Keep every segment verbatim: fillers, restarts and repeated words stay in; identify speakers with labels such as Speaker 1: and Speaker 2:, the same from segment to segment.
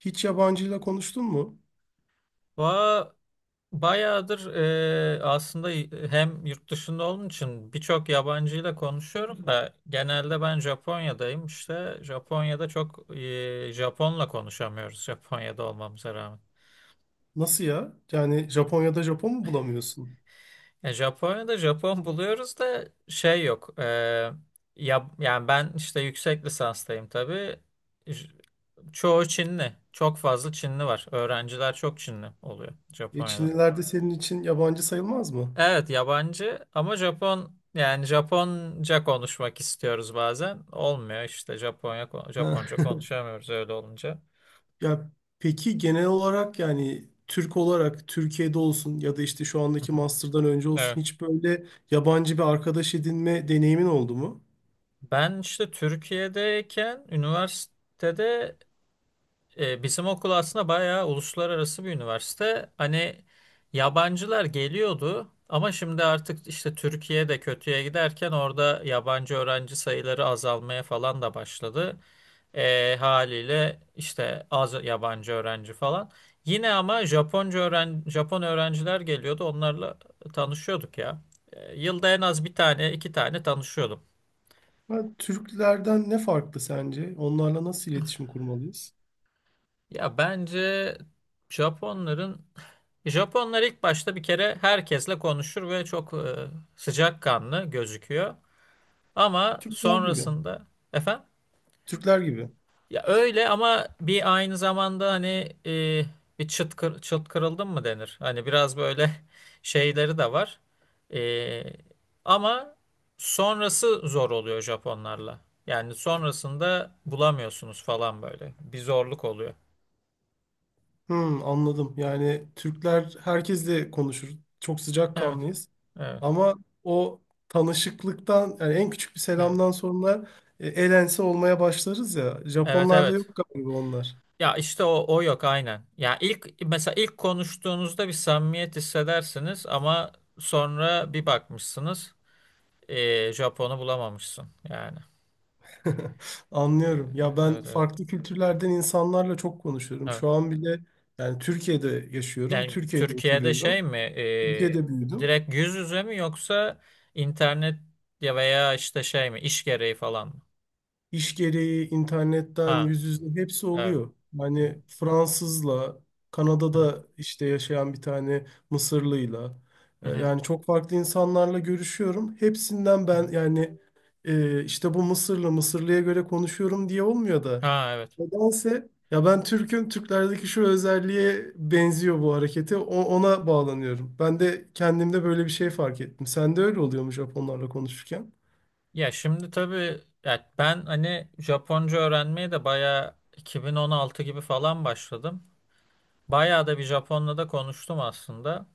Speaker 1: Hiç yabancıyla konuştun mu?
Speaker 2: Va bayağıdır e, aslında hem yurt dışında olduğum için birçok yabancıyla konuşuyorum da genelde ben Japonya'dayım işte Japonya'da çok e, Japon'la konuşamıyoruz Japonya'da olmamıza rağmen.
Speaker 1: Nasıl ya? Yani Japonya'da Japon mu bulamıyorsun?
Speaker 2: E, Japonya'da Japon buluyoruz da şey yok. E, ya, yani ben işte yüksek lisanstayım tabii. J- Çoğu Çinli. Çok fazla Çinli var. Öğrenciler çok Çinli oluyor
Speaker 1: E,
Speaker 2: Japonya'da.
Speaker 1: Çinliler de senin için yabancı sayılmaz mı?
Speaker 2: Evet yabancı ama Japon yani Japonca konuşmak istiyoruz bazen. Olmuyor işte Japonya
Speaker 1: Ha.
Speaker 2: Japonca konuşamıyoruz öyle olunca.
Speaker 1: Ya, peki genel olarak yani Türk olarak Türkiye'de olsun ya da işte şu
Speaker 2: Hı
Speaker 1: andaki
Speaker 2: hı.
Speaker 1: master'dan önce
Speaker 2: Evet.
Speaker 1: olsun hiç böyle yabancı bir arkadaş edinme deneyimin oldu mu?
Speaker 2: Ben işte Türkiye'deyken üniversitede e, bizim okul aslında bayağı uluslararası bir üniversite. Hani yabancılar geliyordu ama şimdi artık işte Türkiye'de de kötüye giderken orada yabancı öğrenci sayıları azalmaya falan da başladı. E, haliyle işte az yabancı öğrenci falan. Yine ama Japonca öğren Japon öğrenciler geliyordu. Onlarla tanışıyorduk ya. E, yılda en az bir tane, iki tane tanışıyordum.
Speaker 1: Ha, Türklerden ne farklı sence? Onlarla nasıl iletişim kurmalıyız?
Speaker 2: Ya bence Japonların Japonlar ilk başta bir kere herkesle konuşur ve çok e, sıcakkanlı gözüküyor. Ama
Speaker 1: Türkler gibi.
Speaker 2: sonrasında efendim.
Speaker 1: Türkler gibi.
Speaker 2: Ya öyle ama bir aynı zamanda hani e, bir çıt, kır, çıt kırıldın mı denir. Hani biraz böyle şeyleri de var. E, ama sonrası zor oluyor Japonlarla. Yani sonrasında bulamıyorsunuz falan böyle. Bir zorluk oluyor.
Speaker 1: Hmm, anladım. Yani Türkler herkesle konuşur. Çok
Speaker 2: Evet,
Speaker 1: sıcakkanlıyız.
Speaker 2: evet,
Speaker 1: Ama o tanışıklıktan yani en küçük bir
Speaker 2: evet.
Speaker 1: selamdan sonra e, el ense olmaya başlarız ya.
Speaker 2: Evet,
Speaker 1: Japonlarda
Speaker 2: evet.
Speaker 1: yok galiba onlar.
Speaker 2: Ya işte o, o yok aynen. Ya ilk mesela ilk konuştuğunuzda bir samimiyet hissedersiniz ama sonra bir bakmışsınız e, Japon'u bulamamışsın yani. Ee,
Speaker 1: Anlıyorum. Ya
Speaker 2: Evet,
Speaker 1: ben
Speaker 2: evet, evet.
Speaker 1: farklı kültürlerden insanlarla çok konuşuyorum.
Speaker 2: Evet.
Speaker 1: Şu an bile yani Türkiye'de yaşıyorum.
Speaker 2: Yani
Speaker 1: Türkiye'de
Speaker 2: Türkiye'de şey
Speaker 1: oturuyorum.
Speaker 2: mi,
Speaker 1: Türkiye'de
Speaker 2: e,
Speaker 1: büyüdüm.
Speaker 2: direkt yüz yüze mi yoksa internet ya veya işte şey mi, iş gereği falan mı?
Speaker 1: İş gereği internetten
Speaker 2: Ha,
Speaker 1: yüz yüze hepsi
Speaker 2: evet.
Speaker 1: oluyor.
Speaker 2: Hı
Speaker 1: Yani Fransızla,
Speaker 2: hı, hı hı,
Speaker 1: Kanada'da işte yaşayan bir tane Mısırlıyla
Speaker 2: hı
Speaker 1: e,
Speaker 2: hı,
Speaker 1: yani çok farklı insanlarla görüşüyorum. Hepsinden
Speaker 2: hı.
Speaker 1: ben yani e, işte bu Mısırlı, Mısırlıya göre konuşuyorum diye olmuyor da
Speaker 2: Ha, evet.
Speaker 1: nedense ya ben Türk'üm, Türklerdeki şu özelliğe benziyor bu hareketi. O- ona bağlanıyorum. Ben de kendimde böyle bir şey fark ettim. Sen de öyle oluyormuş Japonlarla konuşurken.
Speaker 2: Ya şimdi tabii ya ben hani Japonca öğrenmeye de bayağı iki bin on altı gibi falan başladım. Bayağı da bir Japonla da konuştum aslında.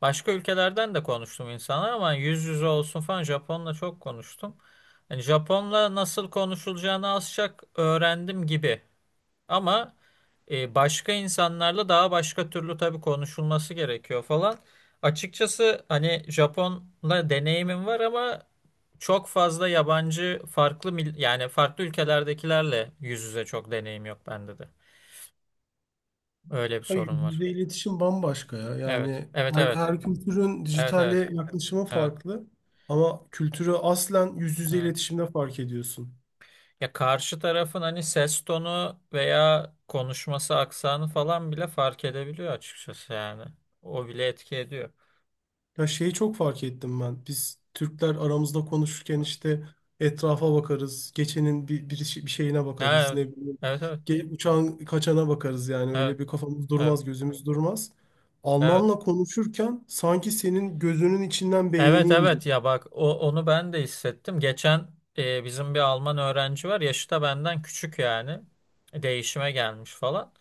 Speaker 2: Başka ülkelerden de konuştum insanlar ama yüz yüze olsun falan Japonla çok konuştum. Yani Japonla nasıl konuşulacağını az çok öğrendim gibi. Ama e, başka insanlarla daha başka türlü tabii konuşulması gerekiyor falan. Açıkçası hani Japonla deneyimim var ama çok fazla yabancı farklı mil- yani farklı ülkelerdekilerle yüz yüze çok deneyim yok bende de. Öyle bir
Speaker 1: Ya,
Speaker 2: sorun var.
Speaker 1: yüzde iletişim bambaşka ya.
Speaker 2: Evet.
Speaker 1: Yani
Speaker 2: Evet
Speaker 1: her,
Speaker 2: evet.
Speaker 1: her kültürün
Speaker 2: Evet
Speaker 1: dijitale
Speaker 2: evet.
Speaker 1: yaklaşımı
Speaker 2: Evet.
Speaker 1: farklı. Ama kültürü aslen yüz yüze
Speaker 2: Evet.
Speaker 1: iletişimde fark ediyorsun.
Speaker 2: Ya karşı tarafın hani ses tonu veya konuşması aksanı falan bile fark edebiliyor açıkçası yani. O bile etki ediyor.
Speaker 1: Ya şeyi çok fark ettim ben. Biz Türkler aramızda konuşurken
Speaker 2: Evet.
Speaker 1: işte etrafa bakarız. Geçenin bir, bir, işi- bir şeyine
Speaker 2: Ha,
Speaker 1: bakarız.
Speaker 2: evet.
Speaker 1: Ne bileyim.
Speaker 2: Evet evet.
Speaker 1: ge- Uçağın kaçana bakarız yani.
Speaker 2: Evet.
Speaker 1: Öyle bir kafamız
Speaker 2: Evet.
Speaker 1: durmaz, gözümüz durmaz.
Speaker 2: Evet.
Speaker 1: Almanla konuşurken sanki senin gözünün içinden beynini
Speaker 2: Evet evet
Speaker 1: inceliyor,
Speaker 2: ya bak o, onu ben de hissettim. Geçen e, bizim bir Alman öğrenci var. Yaşı da benden küçük yani. E, Değişime gelmiş falan.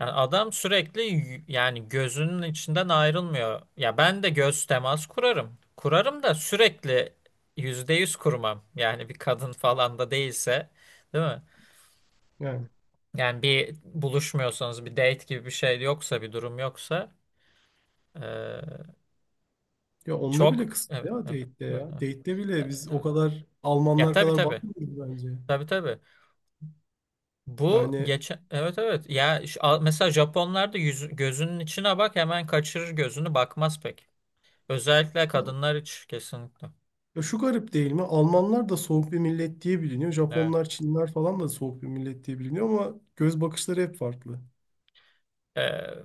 Speaker 2: Yani adam sürekli y- yani gözünün içinden ayrılmıyor. Ya ben de göz temas kurarım. Kurarım da sürekli yüzde yüz kurmam. Yani bir kadın falan da değilse, değil mi?
Speaker 1: yani.
Speaker 2: Yani bir buluşmuyorsanız bir date gibi bir şey yoksa bir durum yoksa e,
Speaker 1: Ya onda bile
Speaker 2: çok
Speaker 1: kısıtlı
Speaker 2: evet
Speaker 1: ya
Speaker 2: evet
Speaker 1: date'de
Speaker 2: evet.
Speaker 1: ya.
Speaker 2: Evet.
Speaker 1: Date'de bile
Speaker 2: Ya,
Speaker 1: biz o
Speaker 2: evet.
Speaker 1: kadar
Speaker 2: Ya
Speaker 1: Almanlar
Speaker 2: tabii
Speaker 1: kadar
Speaker 2: tabii.
Speaker 1: bakmıyoruz bence.
Speaker 2: Tabii tabii. Bu
Speaker 1: Yani
Speaker 2: geçen evet evet. Ya şu- a- mesela Japonlar da yüz- gözünün içine bak hemen kaçırır gözünü bakmaz pek. Özellikle kadınlar hiç kesinlikle.
Speaker 1: ya şu garip değil mi? Almanlar da soğuk bir millet diye biliniyor.
Speaker 2: Evet.
Speaker 1: Japonlar, Çinler falan da soğuk bir millet diye biliniyor ama göz bakışları hep farklı.
Speaker 2: Ee,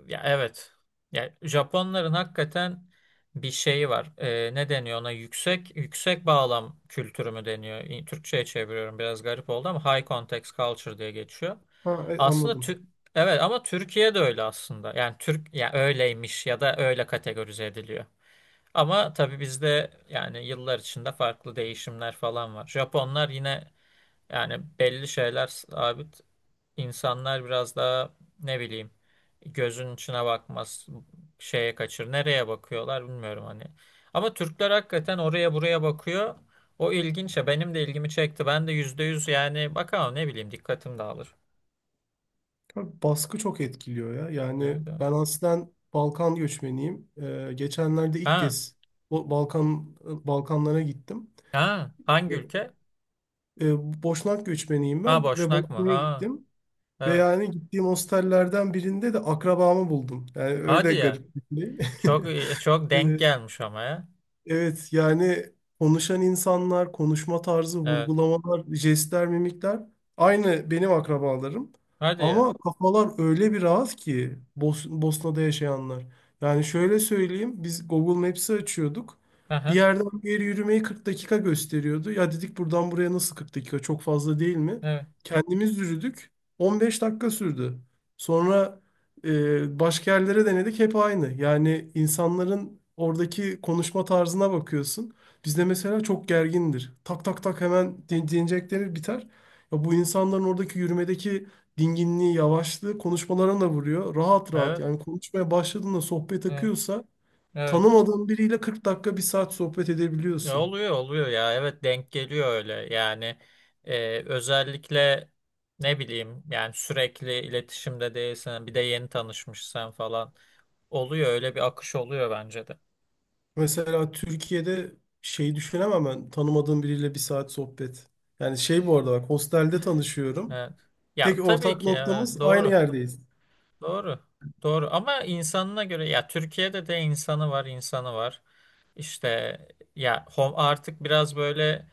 Speaker 2: ya evet. Ya Japonların hakikaten bir şeyi var. Ee, ne deniyor ona? Yüksek yüksek bağlam kültürü mü deniyor? İ- Türkçe'ye çeviriyorum biraz garip oldu ama high context culture diye geçiyor.
Speaker 1: Ha, e,
Speaker 2: Aslında
Speaker 1: anladım.
Speaker 2: Tü- evet ama Türkiye de öyle aslında. Yani Türk ya öyleymiş ya da öyle kategorize ediliyor. Ama tabii bizde yani yıllar içinde farklı değişimler falan var. Japonlar yine yani belli şeyler sabit. İnsanlar biraz daha ne bileyim gözün içine bakmaz, şeye kaçır. Nereye bakıyorlar bilmiyorum hani. Ama Türkler hakikaten oraya buraya bakıyor. O ilginç ya benim de ilgimi çekti. Ben de yüzde yüz yani bakalım ne bileyim dikkatim dağılır.
Speaker 1: Tabii baskı çok etkiliyor ya. Yani
Speaker 2: Evet, evet.
Speaker 1: ben aslen Balkan göçmeniyim. Ee, geçenlerde ilk
Speaker 2: Ha,
Speaker 1: kez Bo- Balkan Balkanlara gittim.
Speaker 2: ha,
Speaker 1: E,
Speaker 2: hangi ülke?
Speaker 1: e, Boşnak göçmeniyim
Speaker 2: Ha
Speaker 1: ben ve
Speaker 2: Boşnak mı?
Speaker 1: Bosna'ya
Speaker 2: Ha,
Speaker 1: gittim. Ve
Speaker 2: evet.
Speaker 1: yani gittiğim hostellerden birinde de akrabamı buldum. Yani
Speaker 2: Hadi
Speaker 1: öyle
Speaker 2: ya.
Speaker 1: garip bir şey.
Speaker 2: Çok e, çok denk gelmiş ama ya.
Speaker 1: Evet yani konuşan insanlar, konuşma tarzı,
Speaker 2: Evet.
Speaker 1: vurgulamalar, jestler, mimikler aynı benim akrabalarım.
Speaker 2: Hadi ya.
Speaker 1: Ama kafalar öyle bir rahat ki Bos Bosna'da yaşayanlar. Yani şöyle söyleyeyim, biz Google Maps'i açıyorduk. Bir
Speaker 2: Aha.
Speaker 1: yerden bir yere yürümeyi kırk dakika gösteriyordu. Ya dedik, buradan buraya nasıl kırk dakika, çok fazla değil mi?
Speaker 2: Evet.
Speaker 1: Kendimiz yürüdük, on beş dakika sürdü. Sonra ee, başka yerlere denedik, hep aynı. Yani insanların oradaki konuşma tarzına bakıyorsun. Bizde mesela çok gergindir. Tak tak tak, hemen din- dinleyecekleri biter. Ya bu insanların oradaki yürümedeki dinginliği, yavaşlığı konuşmalarına da vuruyor. Rahat rahat
Speaker 2: Evet.
Speaker 1: yani, konuşmaya başladığında sohbet
Speaker 2: Evet.
Speaker 1: akıyorsa
Speaker 2: Evet.
Speaker 1: tanımadığın biriyle kırk dakika, bir saat sohbet
Speaker 2: E,
Speaker 1: edebiliyorsun.
Speaker 2: Oluyor oluyor ya. Evet denk geliyor öyle. Yani e, özellikle ne bileyim yani sürekli iletişimde değilsen bir de yeni tanışmışsan falan oluyor öyle bir akış oluyor bence de.
Speaker 1: Mesela Türkiye'de şey düşünemem ben, tanımadığım biriyle bir saat sohbet. Yani şey, bu arada bak, hostelde tanışıyorum.
Speaker 2: Evet. Ya
Speaker 1: Tek
Speaker 2: tabii
Speaker 1: ortak
Speaker 2: ki evet,
Speaker 1: noktamız aynı
Speaker 2: doğru.
Speaker 1: yerdeyiz.
Speaker 2: Doğru. Doğru ama insanına göre ya Türkiye'de de insanı var, insanı var. İşte ya hom- artık biraz böyle.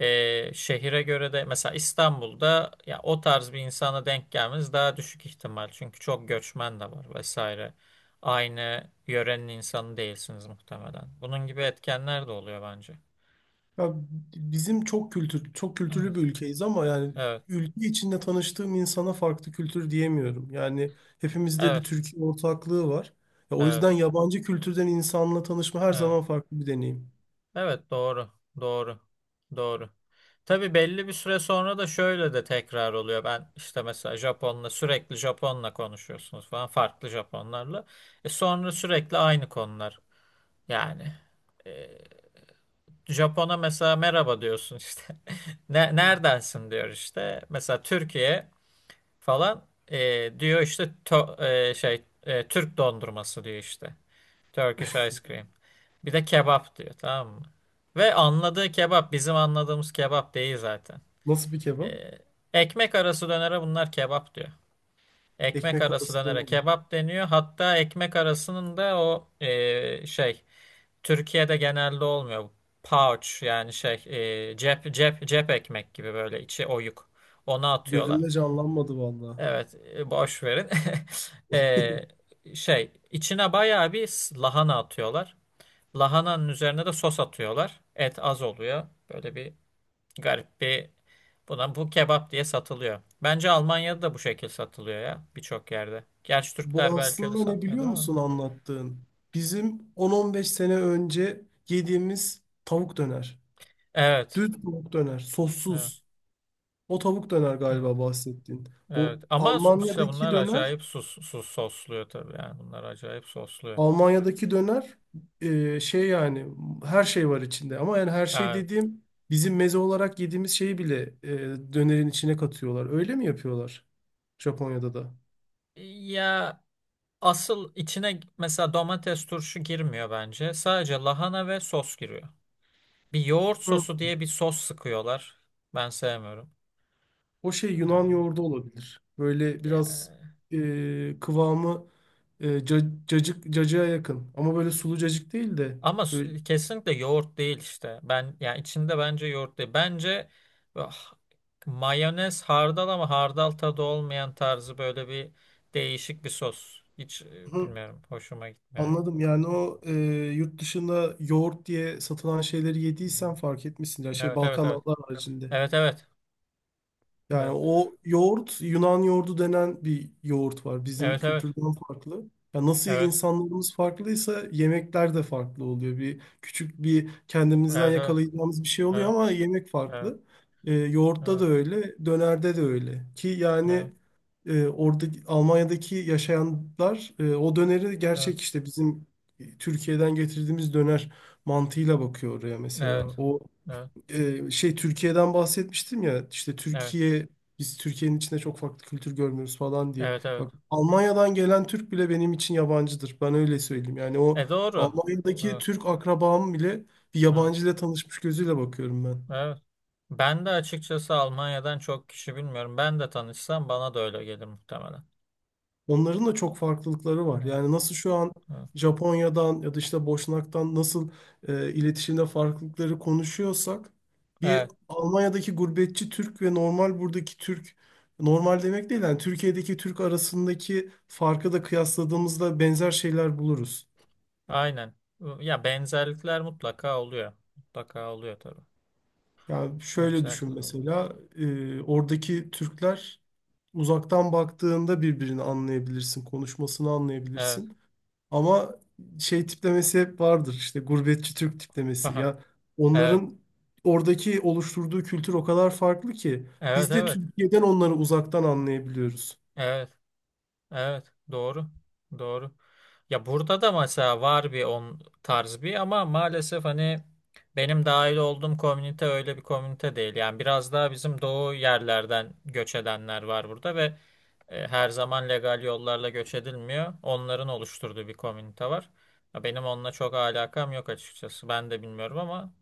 Speaker 2: Ee, şehire göre de mesela İstanbul'da ya o tarz bir insana denk gelmeniz daha düşük ihtimal. Çünkü çok göçmen de var vesaire. Aynı yörenin insanı değilsiniz muhtemelen. Bunun gibi etkenler de oluyor bence.
Speaker 1: Ya bizim çok kültür, çok
Speaker 2: Evet,
Speaker 1: kültürlü bir ülkeyiz ama yani
Speaker 2: evet,
Speaker 1: ülke içinde tanıştığım insana farklı kültür diyemiyorum. Yani hepimizde bir
Speaker 2: evet,
Speaker 1: Türkiye ortaklığı var. Ya o
Speaker 2: evet,
Speaker 1: yüzden yabancı kültürden insanla tanışma her
Speaker 2: evet.
Speaker 1: zaman farklı bir deneyim.
Speaker 2: Evet, doğru, doğru, doğru. Tabii belli bir süre sonra da şöyle de tekrar oluyor. Ben işte mesela Japon'la sürekli Japon'la konuşuyorsunuz falan farklı Japonlarla. E sonra sürekli aynı konular. Yani. e, Japon'a mesela merhaba diyorsun işte. Ne, neredensin diyor işte. Mesela Türkiye falan e, diyor işte to- e, şey e, Türk dondurması diyor işte. Turkish ice cream. Bir de kebap diyor tamam mı? Ve anladığı kebap bizim anladığımız kebap değil zaten.
Speaker 1: Nasıl bir kebap?
Speaker 2: E, ekmek arası dönere bunlar kebap diyor. Ekmek
Speaker 1: Ekmek
Speaker 2: arası
Speaker 1: arası
Speaker 2: dönere
Speaker 1: döner.
Speaker 2: kebap deniyor. Hatta ekmek arasının da o e, şey Türkiye'de genelde olmuyor. Pouch yani şey e, cep cep cep ekmek gibi böyle içi oyuk. Onu atıyorlar.
Speaker 1: Gözümde canlanmadı vallahi.
Speaker 2: Evet e, boş verin. E, şey içine bayağı bir s- lahana atıyorlar. Lahananın üzerine de sos atıyorlar. Et az oluyor. Böyle bir garip bir buna bu kebap diye satılıyor. Bence Almanya'da da bu şekil satılıyor ya birçok yerde. Gerçi Türkler
Speaker 1: Bu
Speaker 2: belki öyle
Speaker 1: aslında ne biliyor
Speaker 2: satmıyordur ama.
Speaker 1: musun anlattığın? Bizim on on beş sene önce yediğimiz tavuk döner.
Speaker 2: Evet.
Speaker 1: Düz tavuk döner,
Speaker 2: Evet.
Speaker 1: sossuz. O tavuk döner
Speaker 2: Evet.
Speaker 1: galiba bahsettiğin. Bu
Speaker 2: Evet ama su- işte
Speaker 1: Almanya'daki
Speaker 2: bunlar
Speaker 1: döner,
Speaker 2: acayip sus, sus sosluyor tabii yani bunlar acayip sosluyor.
Speaker 1: Almanya'daki döner e, şey yani her şey var içinde. Ama yani her şey
Speaker 2: Yani,
Speaker 1: dediğim, bizim meze olarak yediğimiz şeyi bile e, dönerin içine katıyorlar. Öyle mi yapıyorlar Japonya'da da?
Speaker 2: ya asıl içine mesela domates turşu girmiyor bence. Sadece lahana ve sos giriyor. Bir yoğurt
Speaker 1: Hı.
Speaker 2: sosu diye bir sos sıkıyorlar. Ben sevmiyorum.
Speaker 1: O şey Yunan
Speaker 2: Ee,
Speaker 1: yoğurdu olabilir. Böyle
Speaker 2: ya
Speaker 1: biraz e, kıvamı e, ca- cacık, cacığa yakın. Ama böyle sulu cacık değil de
Speaker 2: ama
Speaker 1: böyle.
Speaker 2: su- kesinlikle yoğurt değil işte. Ben yani içinde bence yoğurt değil. Bence ah, mayonez hardal ama hardal tadı olmayan tarzı böyle bir değişik bir sos. Hiç e,
Speaker 1: Hı.
Speaker 2: bilmiyorum. Hoşuma gitmiyor.
Speaker 1: Anladım. Yani o e, yurt dışında yoğurt diye satılan şeyleri yediysen
Speaker 2: Hmm.
Speaker 1: fark etmişsin. Yani şey,
Speaker 2: Evet evet evet.
Speaker 1: Balkanlar haricinde.
Speaker 2: Evet evet.
Speaker 1: Yani
Speaker 2: Evet.
Speaker 1: o yoğurt, Yunan yoğurdu denen bir yoğurt var. Bizim
Speaker 2: Evet evet.
Speaker 1: kültürden farklı. Ya nasıl
Speaker 2: Evet.
Speaker 1: insanlarımız farklıysa yemekler de farklı oluyor. Bir küçük bir kendimizden
Speaker 2: Evet evet.
Speaker 1: yakalayacağımız bir şey oluyor
Speaker 2: Evet.
Speaker 1: ama yemek
Speaker 2: Evet.
Speaker 1: farklı. Ee, yoğurtta da
Speaker 2: Evet.
Speaker 1: öyle, dönerde de öyle. Ki
Speaker 2: Evet.
Speaker 1: yani e, orada Almanya'daki yaşayanlar e, o döneri
Speaker 2: Evet.
Speaker 1: gerçek işte bizim Türkiye'den getirdiğimiz döner mantığıyla bakıyor oraya mesela.
Speaker 2: Evet.
Speaker 1: O
Speaker 2: Evet.
Speaker 1: e, şey, Türkiye'den bahsetmiştim ya, işte
Speaker 2: Evet.
Speaker 1: Türkiye, biz Türkiye'nin içinde çok farklı kültür görmüyoruz falan diye.
Speaker 2: Evet.
Speaker 1: Bak,
Speaker 2: Evet.
Speaker 1: Almanya'dan gelen Türk bile benim için yabancıdır. Ben öyle söyleyeyim. Yani o
Speaker 2: E doğru.
Speaker 1: Almanya'daki
Speaker 2: Evet.
Speaker 1: Türk akrabam bile bir
Speaker 2: Evet.
Speaker 1: yabancı ile tanışmış gözüyle bakıyorum ben.
Speaker 2: Evet. Ben de açıkçası Almanya'dan çok kişi bilmiyorum. Ben de tanışsam bana da öyle gelir muhtemelen.
Speaker 1: Onların da çok farklılıkları var.
Speaker 2: Evet,
Speaker 1: Yani nasıl şu an
Speaker 2: evet.
Speaker 1: Japonya'dan ya da işte Boşnak'tan nasıl e, iletişimde farklılıkları konuşuyorsak, bir
Speaker 2: Evet,
Speaker 1: Almanya'daki gurbetçi Türk ve normal buradaki Türk, normal demek değil yani Türkiye'deki Türk arasındaki farkı da kıyasladığımızda benzer şeyler buluruz.
Speaker 2: aynen. Ya benzerlikler mutlaka oluyor. Mutlaka oluyor tabii.
Speaker 1: Yani şöyle düşün
Speaker 2: Benzerlikler oluyor.
Speaker 1: mesela, e, oradaki Türkler, uzaktan baktığında birbirini anlayabilirsin, konuşmasını
Speaker 2: Evet.
Speaker 1: anlayabilirsin. Ama şey tiplemesi hep vardır, işte gurbetçi Türk tiplemesi. Ya
Speaker 2: Evet.
Speaker 1: onların oradaki oluşturduğu kültür o kadar farklı ki
Speaker 2: Evet,
Speaker 1: biz de
Speaker 2: evet.
Speaker 1: Türkiye'den onları uzaktan anlayabiliyoruz.
Speaker 2: Evet, evet. Doğru. Doğru. Ya burada da mesela var bir on tarz bir ama maalesef hani benim dahil olduğum komünite öyle bir komünite değil. Yani biraz daha bizim doğu yerlerden göç edenler var burada ve e, her zaman legal yollarla göç edilmiyor. Onların oluşturduğu bir komünite var. Ya benim onunla çok alakam yok açıkçası. Ben de bilmiyorum ama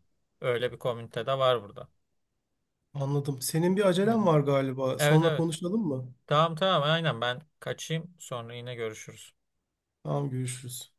Speaker 2: öyle bir komünite de var burada.
Speaker 1: Anladım. Senin bir acelen
Speaker 2: Öyle.
Speaker 1: var galiba.
Speaker 2: Evet
Speaker 1: Sonra
Speaker 2: evet.
Speaker 1: konuşalım mı?
Speaker 2: Tamam tamam aynen ben kaçayım sonra yine görüşürüz.
Speaker 1: Tamam, görüşürüz.